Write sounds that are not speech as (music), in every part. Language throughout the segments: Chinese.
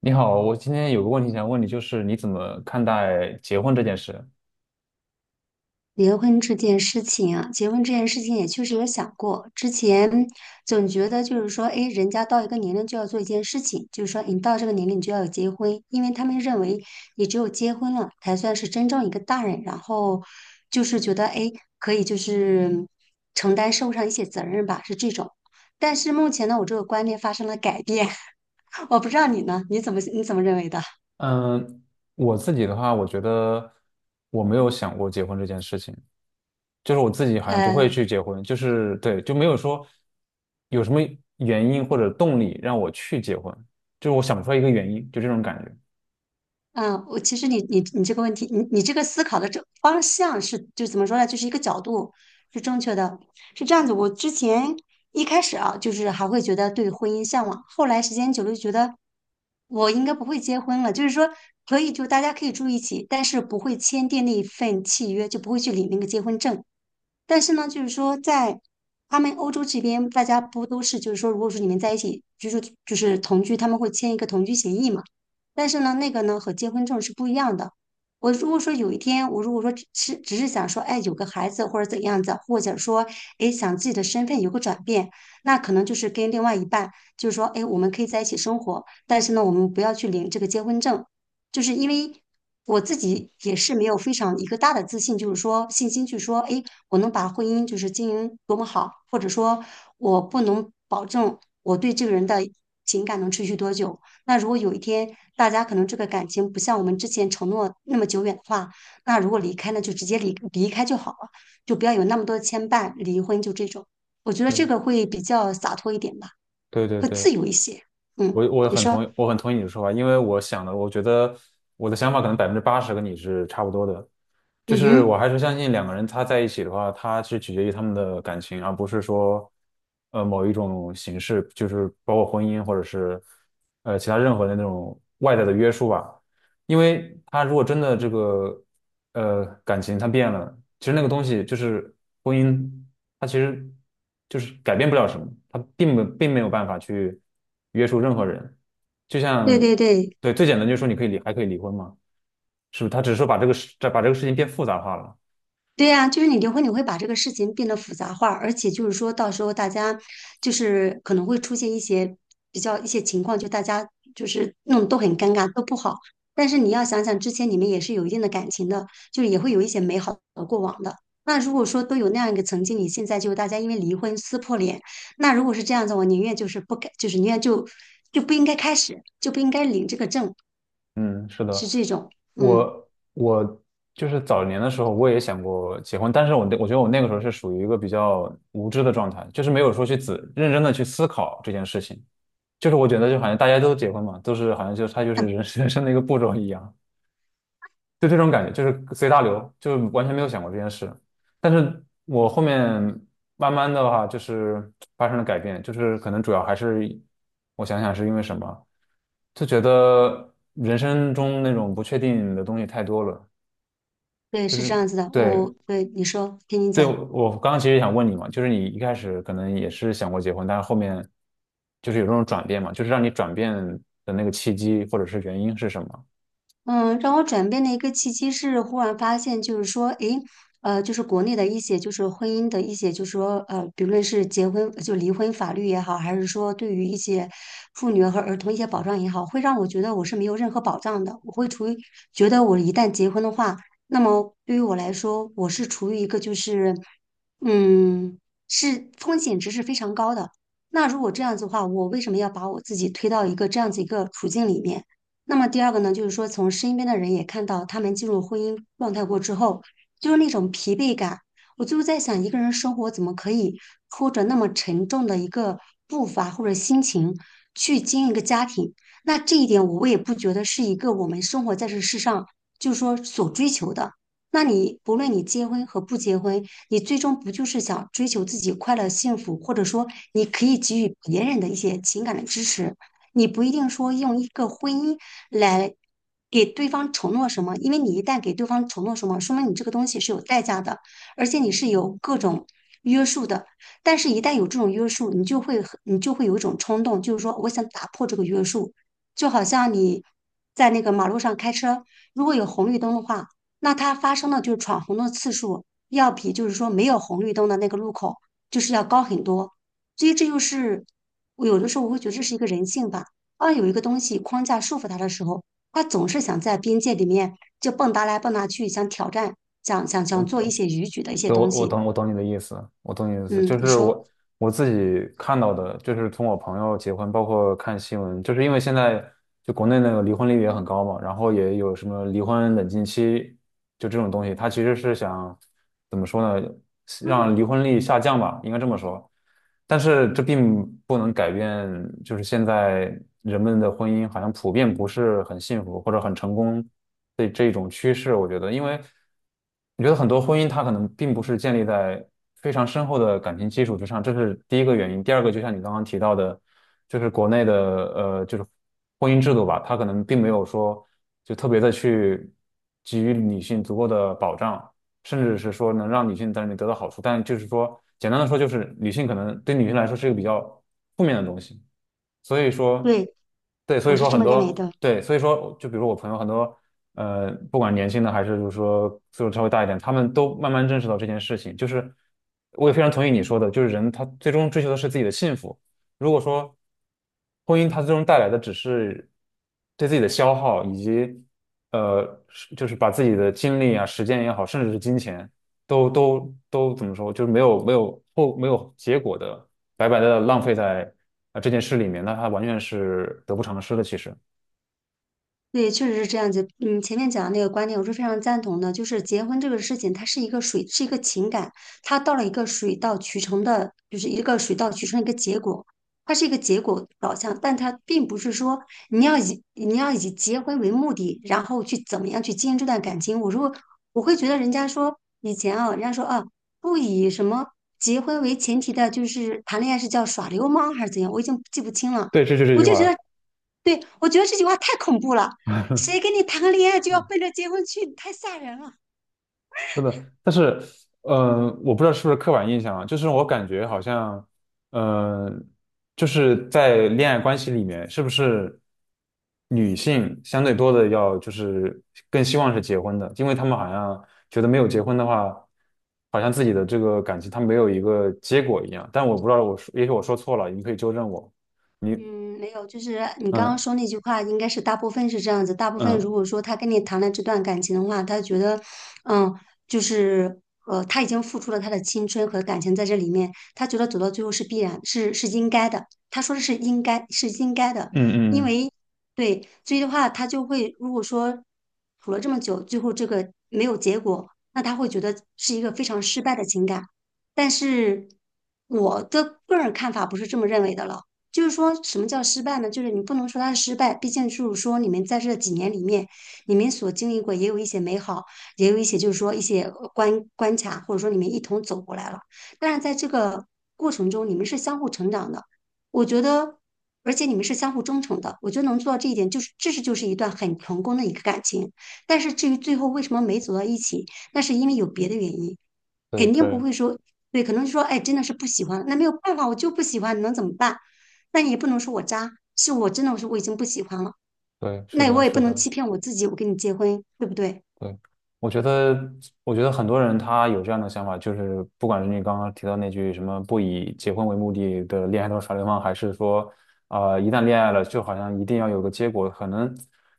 你好，我今天有个问题想问你，就是你怎么看待结婚这件事？结婚这件事情啊，结婚这件事情也确实有想过。之前总觉得就是说，哎，人家到一个年龄就要做一件事情，就是说你到这个年龄你就要结婚，因为他们认为你只有结婚了才算是真正一个大人，然后就是觉得哎，诶可以就是承担社会上一些责任吧，是这种。但是目前呢，我这个观念发生了改变，(laughs) 我不知道你呢，你怎么认为的？嗯，我自己的话，我觉得我没有想过结婚这件事情，就是我自己好像不会呃。去结婚，就是对，就没有说有什么原因或者动力让我去结婚，就是我想不出来一个原因，就这种感觉。嗯，我其实你这个问题，你这个思考的这方向是就怎么说呢？就是一个角度是正确的，是这样子。我之前一开始啊，就是还会觉得对婚姻向往，后来时间久了就觉得我应该不会结婚了。就是说，可以就大家可以住一起，但是不会签订那一份契约，就不会去领那个结婚证。但是呢，就是说在他们欧洲这边，大家不都是就是说，如果说你们在一起居住，就是同居，他们会签一个同居协议嘛？但是呢，那个呢和结婚证是不一样的。我如果说有一天，我如果说只是想说，哎，有个孩子或者怎样子，或者说，哎，想自己的身份有个转变，那可能就是跟另外一半，就是说，哎，我们可以在一起生活，但是呢，我们不要去领这个结婚证。就是因为我自己也是没有非常一个大的自信，就是说信心去说，哎，我能把婚姻就是经营多么好，或者说我不能保证我对这个人的情感能持续多久。那如果有一天大家可能这个感情不像我们之前承诺那么久远的话，那如果离开呢，就直接离开就好了，就不要有那么多的牵绊，离婚就这种。我觉得对，这个会比较洒脱一点吧，对对会对，自由一些。嗯，我你很说，同意，我很同意你的说法，因为我想的，我觉得我的想法可能80%跟你是差不多的，就嗯是我哼，还是相信两个人他在一起的话，他是取决于他们的感情，而不是说某一种形式，就是包括婚姻或者是其他任何的那种外在的约束吧。因为他如果真的这个感情他变了，其实那个东西就是婚姻。他其实就是改变不了什么，他并没有办法去约束任何人。就对像对对，对最简单就是说你可以离还可以离婚嘛，是不是？他只是说把这个事情变复杂化了。对呀，就是你离婚，你会把这个事情变得复杂化，而且就是说到时候大家就是可能会出现一些比较一些情况，就大家就是弄得都很尴尬，都不好。但是你要想想，之前你们也是有一定的感情的，就是也会有一些美好的过往的。那如果说都有那样一个曾经，你现在就大家因为离婚撕破脸，那如果是这样子，我宁愿就是不该，就是宁愿就就不应该开始，就不应该领这个证，嗯，是是的，这种。嗯，我就是早年的时候我也想过结婚，但是我觉得我那个时候是属于一个比较无知的状态，就是没有说去认真的去思考这件事情。就是我觉得就好像大家都结婚嘛，都是好像就他就是人 (laughs) 人生的一个步骤一样。就这种感觉，就是随大流，就完全没有想过这件事。但是我后面慢慢的话，就是发生了改变，就是可能主要还是我想想是因为什么，就觉得人生中那种不确定的东西太多了，对，就是是这样子的。对我对你说，听你对，讲。我刚刚其实想问你嘛，就是你一开始可能也是想过结婚，但是后面就是有这种转变嘛，就是让你转变的那个契机或者是原因是什么？嗯，让我转变的一个契机是，忽然发现，就是说，诶，就是国内的一些，就是婚姻的一些，就是说，比论是结婚就离婚法律也好，还是说对于一些妇女和儿童一些保障也好，会让我觉得我是没有任何保障的。我会处于觉得我一旦结婚的话，那么对于我来说，我是处于一个就是，嗯，是风险值是非常高的。那如果这样子的话，我为什么要把我自己推到一个这样子一个处境里面？那么第二个呢，就是说从身边的人也看到他们进入婚姻状态过之后，就是那种疲惫感。我就是在想，一个人生活怎么可以拖着那么沉重的一个步伐或者心情去经营一个家庭？那这一点我也不觉得是一个我们生活在这世上就是说所追求的。那你不论你结婚和不结婚，你最终不就是想追求自己快乐幸福，或者说你可以给予别人的一些情感的支持？你不一定说用一个婚姻来给对方承诺什么，因为你一旦给对方承诺什么，说明你这个东西是有代价的，而且你是有各种约束的。但是，一旦有这种约束，你就会很你就会有一种冲动，就是说我想打破这个约束，就好像你在那个马路上开车，如果有红绿灯的话，那它发生的就是闯红灯的次数要比就是说没有红绿灯的那个路口就是要高很多。所以这就是我有的时候我会觉得这是一个人性吧。当有一个东西框架束缚他的时候，他总是想在边界里面就蹦跶来蹦跶去，想挑战，想想我想做一些逾矩的一些对，东西。我懂你的意思，我懂你的意思，嗯，就你是说，我自己看到的，就是从我朋友结婚，包括看新闻，就是因为现在就国内那个离婚率也很高嘛，然后也有什么离婚冷静期，就这种东西，它其实是想怎么说呢，让离婚率下降吧，应该这么说，但是这并不能改变，就是现在人们的婚姻好像普遍不是很幸福或者很成功的这种趋势，我觉得，因为。你觉得很多婚姻它可能并不是建立在非常深厚的感情基础之上，这是第一个原因。第二个，就像你刚刚提到的，就是国内的就是婚姻制度吧，它可能并没有说就特别的去给予女性足够的保障，甚至是说能让女性在里面得到好处。但就是说，简单的说，就是女性可能对女性来说是一个比较负面的东西。所以说，对，对，所我以是说这很么认为多，的。对，所以说，就比如我朋友很多，不管年轻的还是就是说岁数稍微大一点，他们都慢慢认识到这件事情。就是我也非常同意你说的，就是人他最终追求的是自己的幸福。如果说婚姻它最终带来的只是对自己的消耗，以及是就是把自己的精力啊、时间也好，甚至是金钱，都怎么说，就是没有结果的白白的浪费在啊这件事里面，那他完全是得不偿失的。其实，对，确实是这样子。嗯，前面讲的那个观点，我是非常赞同的。就是结婚这个事情，它是一个水，是一个情感，它到了一个水到渠成的，就是一个水到渠成的一个结果，它是一个结果导向，但它并不是说你要以结婚为目的，然后去怎么样去经营这段感情。我说我会觉得人家说以前啊，人家说啊，不以什么结婚为前提的，就是谈恋爱是叫耍流氓还是怎样，我已经记不清了。对，这我句就觉话。得，对，我觉得这句话太恐怖了。谁 (laughs) 跟你谈个恋爱就要奔着结婚去？太吓人了是的，但是，我不知道是不是刻板印象啊，就是我感觉啊！好像，嗯、就是在恋爱关系里面，是不是女性相对多的要就是更希望是结婚的，因为他们好像觉得没有结婚的话，好像自己的这个感情它没有一个结果一样。但我不知道我说，也许我说错了，你可以纠正我。你，嗯，没有，就是你刚刚嗯说那句话，应该是大部分是这样子。大部分如嗯果说他跟你谈了这段感情的话，他觉得，嗯，就是他已经付出了他的青春和感情在这里面，他觉得走到最后是必然，是应该的。他说的是应该，是应该的，嗯因嗯，为对，所以的话，他就会如果说处了这么久，最后这个没有结果，那他会觉得是一个非常失败的情感。但是我的个人看法不是这么认为的了。就是说什么叫失败呢？就是你不能说它是失败，毕竟就是说你们在这几年里面，你们所经历过也有一些美好，也有一些就是说一些关卡，或者说你们一同走过来了。但是在这个过程中，你们是相互成长的，我觉得，而且你们是相互忠诚的，我觉得能做到这一点，就是这是就是一段很成功的一个感情。但是至于最后为什么没走到一起，那是因为有别的原因，对肯定不对会说。对，可能说，哎，真的是不喜欢，那没有办法，我就不喜欢，能怎么办？那你也不能说我渣，是我真的我说我已经不喜欢了，对，是那的，我也不是能的，欺骗我自己，我跟你结婚，对不对？对，我觉得，我觉得很多人他有这样的想法，就是不管是你刚刚提到那句什么不以结婚为目的的恋爱都是耍流氓，还是说，一旦恋爱了，就好像一定要有个结果，可能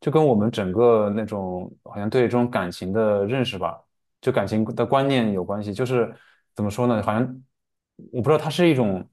就跟我们整个那种好像对这种感情的认识吧，就感情的观念有关系，就是怎么说呢？好像我不知道它是一种，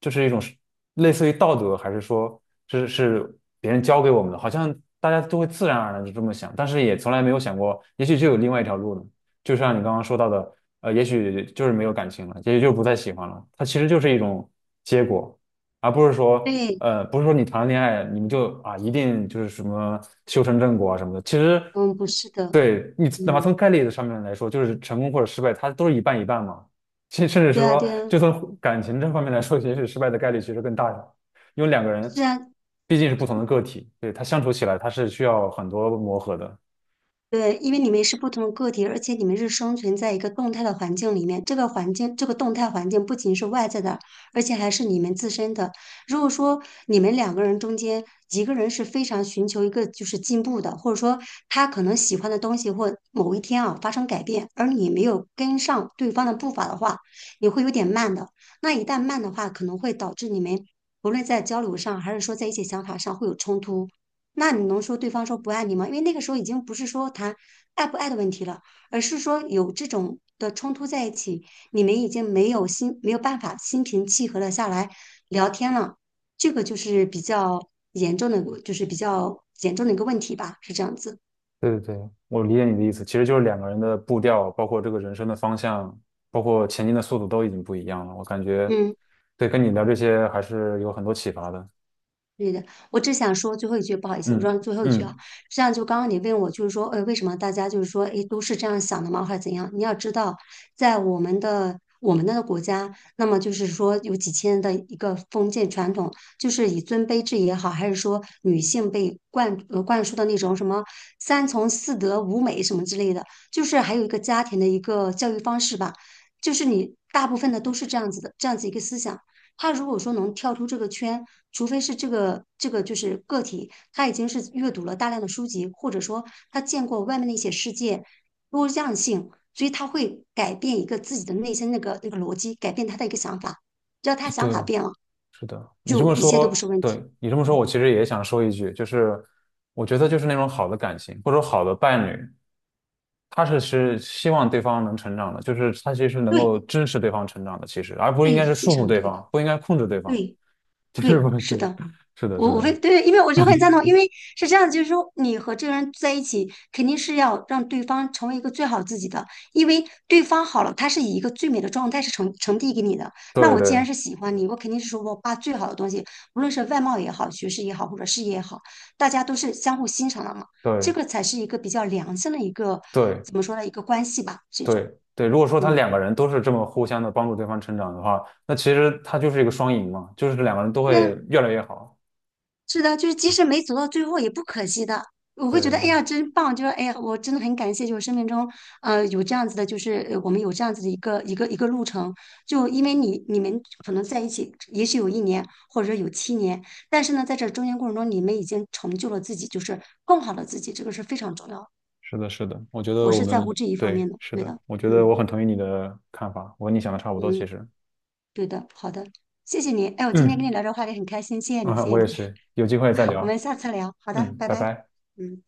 就是一种是类似于道德，还是说是别人教给我们的？好像大家都会自然而然就这么想，但是也从来没有想过，也许就有另外一条路呢。就像你刚刚说到的，也许就是没有感情了，也许就不再喜欢了，它其实就是一种结果。而不是说，对，不是说你谈了恋爱，你们就啊，一定就是什么修成正果啊什么的。其实嗯，不是的，对你哪怕从嗯，概率的上面来说，就是成功或者失败，它都是一半一半嘛。(laughs) 甚至是对啊，说，对啊，就从感情这方面来说，也许失败的概率其实更大一点，因为两个人是啊，毕竟是不同的个体，对，他相处起来他是需要很多磨合的。对，因为你们是不同的个体，而且你们是生存在一个动态的环境里面。这个环境，这个动态环境不仅是外在的，而且还是你们自身的。如果说你们两个人中间一个人是非常寻求一个就是进步的，或者说他可能喜欢的东西或某一天啊发生改变，而你没有跟上对方的步伐的话，你会有点慢的。那一旦慢的话，可能会导致你们无论在交流上还是说在一些想法上会有冲突。那你能说对方说不爱你吗？因为那个时候已经不是说谈爱不爱的问题了，而是说有这种的冲突在一起，你们已经没有办法心平气和的下来聊天了，这个就是比较严重的一个问题吧，是这样子。对对对，我理解你的意思，其实就是两个人的步调，包括这个人生的方向，包括前进的速度都已经不一样了。我感觉，嗯。对，跟你聊这些还是有很多启发的。对的，我只想说最后一句，不好意思，我嗯说最后一句啊，嗯，这样就刚刚你问我，就是说，为什么大家就是说，诶，都是这样想的吗，还是怎样？你要知道，在我们那个国家，那么就是说有几千年的一个封建传统，就是以尊卑制也好，还是说女性被灌输的那种什么三从四德五美什么之类的，就是还有一个家庭的一个教育方式吧，就是你大部分的都是这样子的，这样子一个思想。他如果说能跳出这个圈，除非是这个就是个体，他已经是阅读了大量的书籍，或者说他见过外面的一些世界多样性，所以他会改变一个自己的内心那个逻辑，改变他的一个想法。只要他对，想法变了，是的，你这就么一切都不是说，问对，题。你这么说，我嗯，其实也想说一句，就是我觉得就是那种好的感情，或者说好的伴侣，是希望对方能成长的，就是他其实能够对支持对方成长的，其实，而不应对，该是非束缚常对对，方，不应该控制对方，对 (laughs) 就是不对，是对，的。是的，我是我会的，对，因为我就很赞同，(laughs) 因为是这样就是说你和这个人在一起，肯定是要让对方成为一个最好自己的，因为对方好了，他是以一个最美的状态是呈递给你的。那对我既对然是喜欢你，我肯定是说我把最好的东西，无论是外貌也好，学识也好，或者事业也好，大家都是相互欣赏的嘛，这对个才是一个比较良性的一个，对怎么说呢，一个关系吧，这种，对对。如果说他嗯，两个人都是这么互相的帮助对方成长的话，那其实他就是一个双赢嘛，就是两个人都对会啊，越来越好。是的，就是即使没走到最后也不可惜的，我会觉得对，哎呀真棒，就是哎呀我真的很感谢，就是生命中有这样子的，就是我们有这样子的一个一个一个路程，就因为你们可能在一起，也许有一年或者说有7年，但是呢在这中间过程中，你们已经成就了自己，就是更好的自己，这个是非常重要的。是的，是的，我觉我得我是在乎们这一方对，面的，是对的，的，我觉得我嗯很同意你的看法，我跟你想的差不多，其嗯，实。对的，好的，谢谢你，哎，我今天跟你嗯，聊这个话题很开心，谢谢你，啊，谢谢我也你，是，有机会再 (laughs) 我聊。们下次聊，好的，嗯，拜拜拜，拜。嗯。